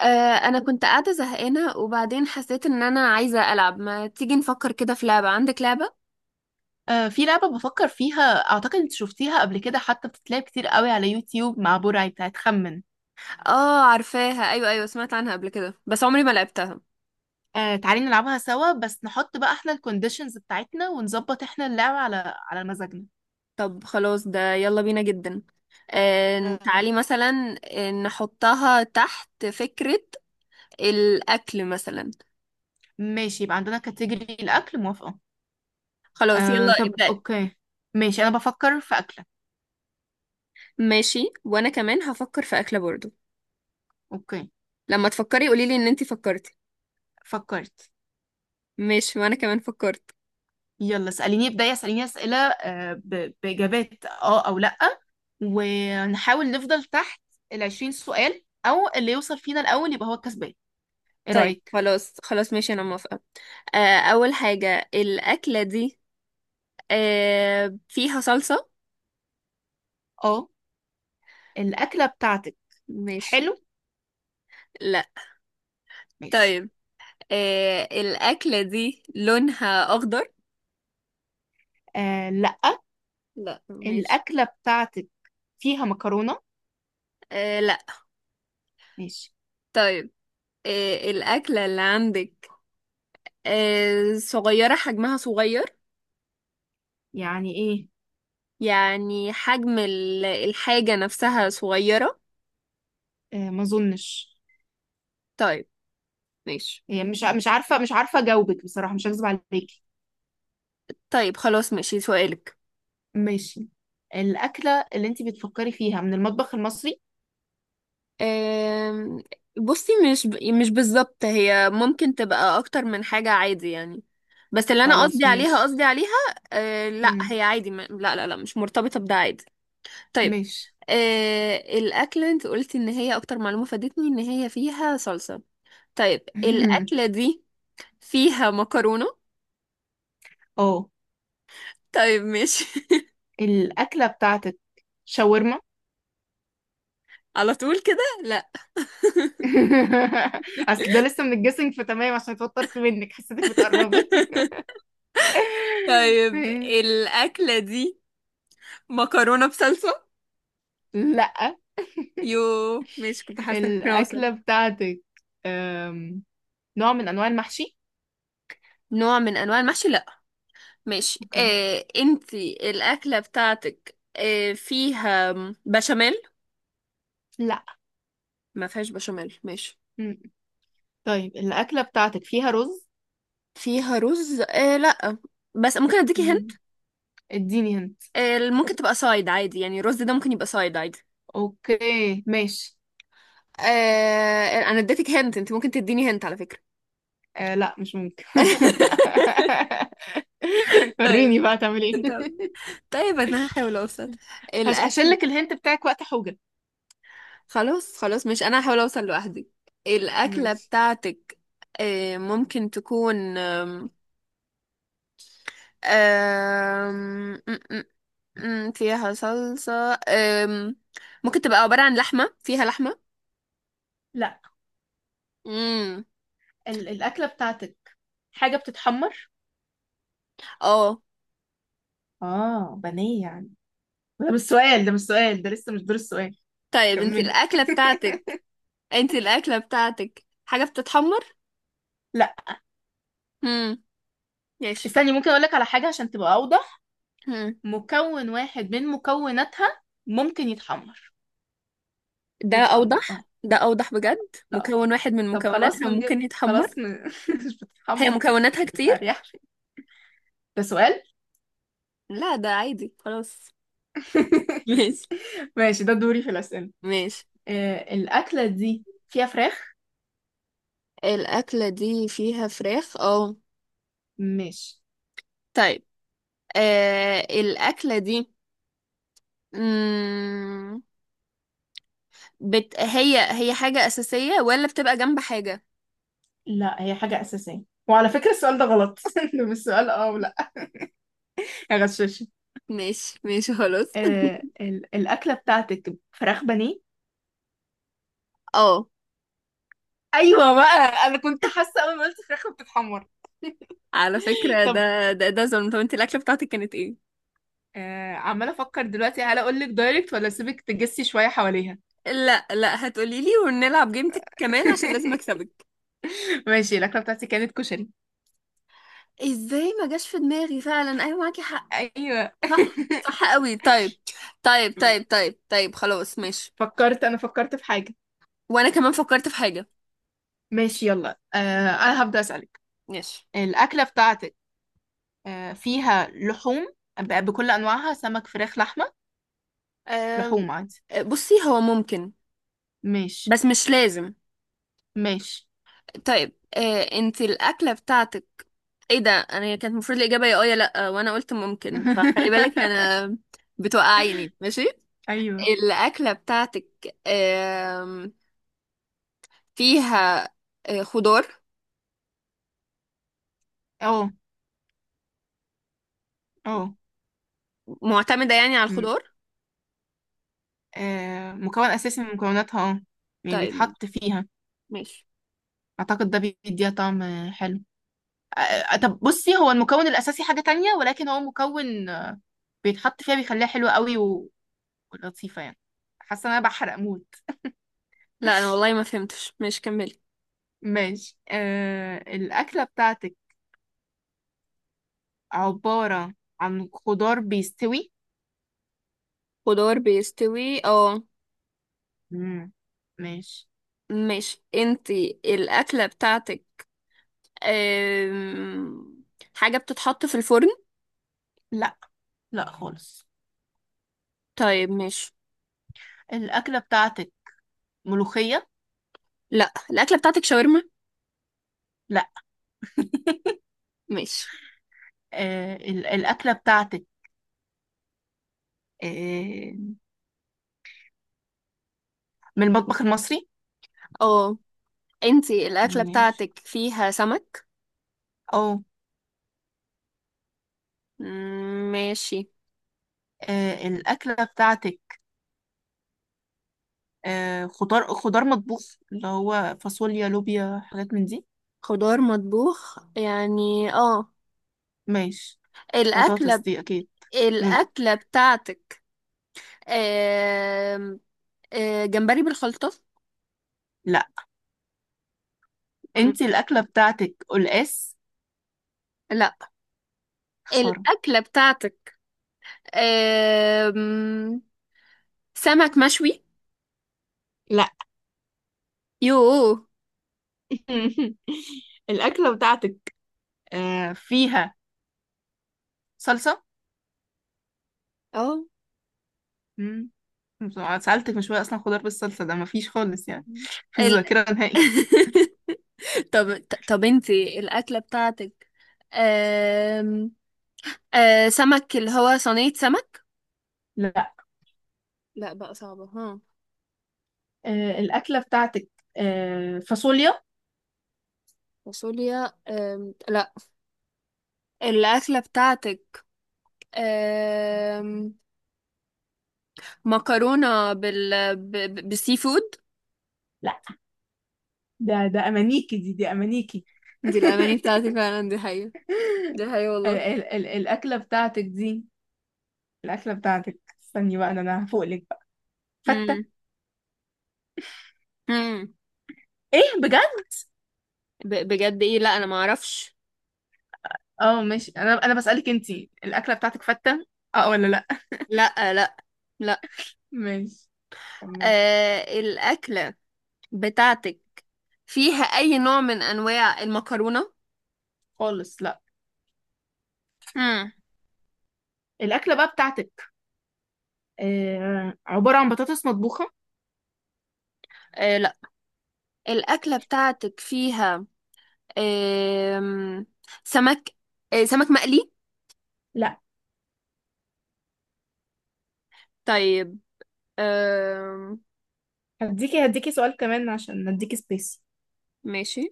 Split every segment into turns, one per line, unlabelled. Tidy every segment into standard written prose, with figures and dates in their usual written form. آه، انا كنت قاعده زهقانه وبعدين حسيت ان انا عايزه العب، ما تيجي نفكر كده في لعبه؟ عندك لعبه؟
في لعبة بفكر فيها. أعتقد أنت شفتيها قبل كده، حتى بتتلعب كتير قوي على يوتيوب مع برعي، بتاعت خمن.
اه عارفاها، ايوه ايوه سمعت عنها قبل كده، بس عمري ما لعبتها.
تعالي نلعبها سوا، بس نحط بقى احنا الكونديشنز بتاعتنا ونظبط احنا اللعبة على مزاجنا.
طب خلاص، ده يلا بينا جدا.
آه،
تعالي مثلا نحطها تحت فكره. الاكل مثلا.
ماشي، يبقى عندنا كاتيجوري الأكل، موافقة.
خلاص يلا
طب
ابدأي.
أوكي. ماشي، أنا بفكر في أكلة.
ماشي، وانا كمان هفكر في اكله برضو.
أوكي.
لما تفكري قوليلي ان انتي فكرتي.
فكرت.
ماشي، وانا كمان فكرت.
يلا اسأليني، ابدأي اسأليني أسئلة بإجابات اه أو لأ، ونحاول نفضل تحت 20 سؤال، أو اللي يوصل فينا الأول يبقى هو الكسبان. ايه
طيب
رأيك؟
خلاص ماشي، انا موافقه. اول حاجة، الاكلة دي فيها صلصة؟
اه. الأكلة بتاعتك؟
ماشي.
حلو.
لا؟
ماشي.
طيب. الاكلة دي لونها اخضر؟
آه لأ.
لا، ماشي.
الأكلة بتاعتك فيها مكرونة؟
لا؟
ماشي.
طيب. الاكلة اللي عندك صغيرة، حجمها صغير؟
يعني ايه؟
يعني حجم الحاجة نفسها صغيرة.
آه ما اظنش.
طيب، ماشي.
هي مش عارفة، مش عارفة اجاوبك، بصراحة مش هكذب عليكي.
طيب خلاص ماشي، سؤالك.
ماشي. الأكلة اللي انتي بتفكري فيها من المطبخ المصري؟
آم، بصي، مش ب... يعني مش بالظبط، هي ممكن تبقى اكتر من حاجة عادي يعني، بس اللي انا
خلاص
قصدي عليها.
ماشي.
قصدي عليها آه لا،
مم.
هي عادي ما... لا، مش مرتبطة بده، عادي. طيب.
ماشي.
آه، الاكل، انت قلتي ان هي اكتر معلومة فادتني ان هي فيها صلصة. طيب الاكلة دي فيها مكرونة؟
اه.
طيب، ماشي.
الأكلة بتاعتك شاورما؟
على طول كده؟ لا.
اصل ده لسه من الجيسنج فتمام، عشان اتوترت منك، حسيتك بتقربي.
طيب الأكلة دي مكرونة بصلصة؟
لا.
يو. ماشي، كنت حاسة انك ممكن
الأكلة
اوصل.
بتاعتك، أم، نوع من أنواع المحشي؟
نوع من انواع المحشي؟ لا. ماشي،
اوكي.
إيه انتي، الاكله بتاعتك إيه، فيها بشاميل؟
لا.
ما فيهاش بشاميل، ماشي.
مم. طيب الأكلة بتاعتك فيها رز؟
فيها رز؟ إيه لا، بس ممكن اديكي هنت.
مم. اديني هنت.
إيه، ممكن تبقى سايد عادي يعني، الرز ده ممكن يبقى سايد عادي.
اوكي ماشي.
إيه، انا اديتك هنت، انت ممكن تديني هنت على فكره.
أه لا، مش ممكن.
طيب.
وريني بقى تعمل ايه.
طب. طيب انا هحاول اوصل
هش، هشيل
الاكل.
لك الهنت بتاعك وقت حوجة.
خلاص خلاص، مش انا هحاول اوصل لوحدي. الاكله
ماشي.
بتاعتك إيه، ممكن تكون أم... م- م- فيها صلصة، ممكن تبقى عبارة عن لحمة، فيها لحمة؟
لا.
امم
الأكلة بتاعتك حاجة بتتحمر؟
اه.
اه، بانيه يعني. ده مش سؤال، ده مش سؤال، ده لسه مش دور السؤال.
طيب، انت
كملي.
الأكلة بتاعتك، انت الأكلة بتاعتك حاجة بتتحمر؟
لا.
امم ماشي.
استني، ممكن اقول لك على حاجه عشان تبقى اوضح.
مم.
مكون واحد من مكوناتها ممكن يتحمر.
ده
بيتحمر اه.
أوضح، ده أوضح بجد،
لا.
مكون واحد من
طب خلاص
مكوناتها
من غير،
ممكن يتحمر.
خلاص مش
هي
بتتحمر.
مكوناتها كتير.
الارياح فين؟ ده سؤال.
لا ده عادي خلاص. ماشي،
ماشي، ده دوري في الاسئله.
ماشي.
آه، الاكله دي فيها فراخ؟
الأكلة دي فيها فراخ؟ اه.
ماشي.
طيب. آه الأكلة دي مم... هي حاجة أساسية ولا بتبقى جنب حاجة؟
لا، هي حاجه اساسيه. وعلى فكره السؤال ده غلط، ده مش سؤال اه ولا. هغششك.
ماشي، ماشي خلاص.
الاكله بتاعتك فراخ بانيه.
اه،
ايوه بقى، انا كنت حاسه اول ما قلت فراخ بتتحمر.
على فكرة،
طب،
ده ظلم. طب انت الأكلة بتاعتك كانت ايه؟
آه عمالة أفكر دلوقتي، هل أقول لك دايركت ولا أسيبك تجسي شوية حواليها.
لا لا، هتقولي لي ونلعب جيمتك كمان عشان لازم أكسبك.
ماشي، الأكلة بتاعتي كانت كشري.
ازاي ما جاش في دماغي فعلا؟ ايوه معاكي حق.
أيوه.
صح صح قوي. طيب. طيب طيب طيب طيب، خلاص ماشي.
فكرت، أنا فكرت في حاجة.
وانا كمان فكرت في حاجة.
ماشي، يلا أنا هبدأ أسألك.
ماشي.
الأكلة بتاعتك فيها لحوم، بكل أنواعها، سمك فراخ لحمة.
أم...
لحوم عادي.
بصي هو ممكن،
ماشي.
بس مش لازم.
ماشي.
طيب، انت الاكله بتاعتك، ايه ده؟ انا كانت المفروض الاجابه يا اه يا لا، وانا قلت ممكن، فخلي بالك انا بتوقعيني. ماشي.
أيوه.
الاكله بتاعتك فيها خضار؟
أه. أه.
معتمده يعني على
م-
الخضار؟
مكون أساسي من مكوناتها أه، يعني
طيب،
بيتحط فيها.
ماشي.
أعتقد ده بيديها طعم. حلو. طب بصي، هو المكون الأساسي حاجة تانية، ولكن هو مكون بيتحط فيها بيخليها حلوة قوي ولطيفة يعني. حاسة إن أنا بحرق موت.
لا انا والله ما فهمتش، ماشي كملي.
ماشي. الأكلة بتاعتك عبارة عن خضار بيستوي.
خضار بيستوي؟ اه،
مم. ماشي.
ماشي. انت الاكله بتاعتك آم، حاجه بتتحط في الفرن؟
لا، لا خالص.
طيب، ماشي.
الأكلة بتاعتك ملوخية؟
لا، الاكله بتاعتك شاورما؟
لا.
ماشي.
الأكلة بتاعتك آه من المطبخ المصري.
اه، انتي الأكلة
ماشي.
بتاعتك فيها سمك؟
أو.
ماشي.
الأكلة بتاعتك خضار مطبوخ، اللي هو فاصوليا لوبيا حاجات من دي.
خضار مطبوخ يعني؟ اه،
ماشي.
الأكلة
بطاطس
ب...
دي اكيد. قولي.
الأكلة بتاعتك آم، جمبري بالخلطة؟
لا. انت
مم.
الاكله بتاعتك قلقاس.
لا.
خساره.
الأكلة بتاعتك آم، سمك مشوي؟
لا.
يوه.
الأكلة بتاعتك فيها صلصه.
اه
مم. سألتك من شوية أصلا، خضار بالصلصة ده مفيش خالص يعني، في
ال...
ذاكرة نهائي.
طب. طب انتي الأكلة بتاعتك أم... آه سمك اللي هو صينية سمك؟
لا.
لا بقى، صعبة ها.
الأكلة بتاعتك فاصوليا.
فاصوليا؟ لا. الأكلة بتاعتك آه مكرونة بالسي فود؟
لا. ده أمانيكي، دي أمانيكي.
دي الأماني بتاعتي فعلا، دي حقيقة، دي حقيقة
ال
والله.
ال ال الأكلة بتاعتك دي، الأكلة بتاعتك، استني بقى، ده أنا هفوق لك بقى. فتة.
مم. مم.
إيه بجد؟
بجد ايه، لا انا ما اعرفش.
اه ماشي، أنا بسألك، أنتي الأكلة بتاعتك فتة؟ اه ولا لأ؟
لا، لا. لا.
ماشي، كمل.
آه الأكلة بتاعتك فيها اي نوع من انواع المكرونة؟
خالص لأ.
مم.
الأكلة بقى بتاعتك عبارة عن بطاطس مطبوخة؟
آه لا. الأكلة بتاعتك فيها أم... سمك، سمك مقلي؟
لأ.
طيب. أم...
هديكي، هديكي سؤال كمان عشان نديكي سبيس.
ماشي.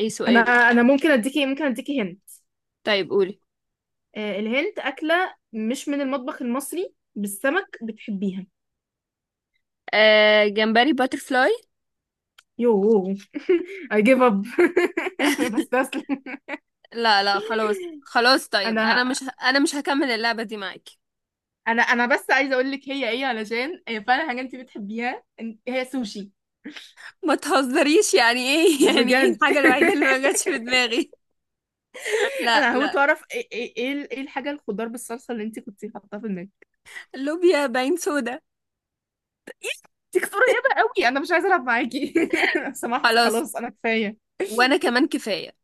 ايه
أنا
سؤالك؟
أنا ممكن أديكي، ممكن أديكي هنت.
طيب قولي.
الهنت، أكلة مش من المطبخ المصري بالسمك بتحبيها.
جمبري باترفلاي؟
يو. I give up. انا بستسلم.
لا لا خلاص خلاص، طيب انا
انا
مش ه... انا مش هكمل اللعبة دي معاكي.
انا بس عايزه اقول لك هي ايه، علشان هي فعلا حاجه انت بتحبيها. هي سوشي.
ما تهزريش، يعني ايه؟ يعني ايه
بجد.
الحاجة الوحيدة اللي ما جاتش في دماغي! لا
انا هموت
لا.
واعرف ايه، ايه، ايه، إيه الحاجه الخضار بالصلصه اللي انت كنتي حاطاها في المنيو.
اللوبيا باين سودا.
دي كانت قريبه قوي، انا مش عايزه العب معاكي. لو سمحتي،
خلاص،
خلاص انا كفايه.
وانا كمان كفاية.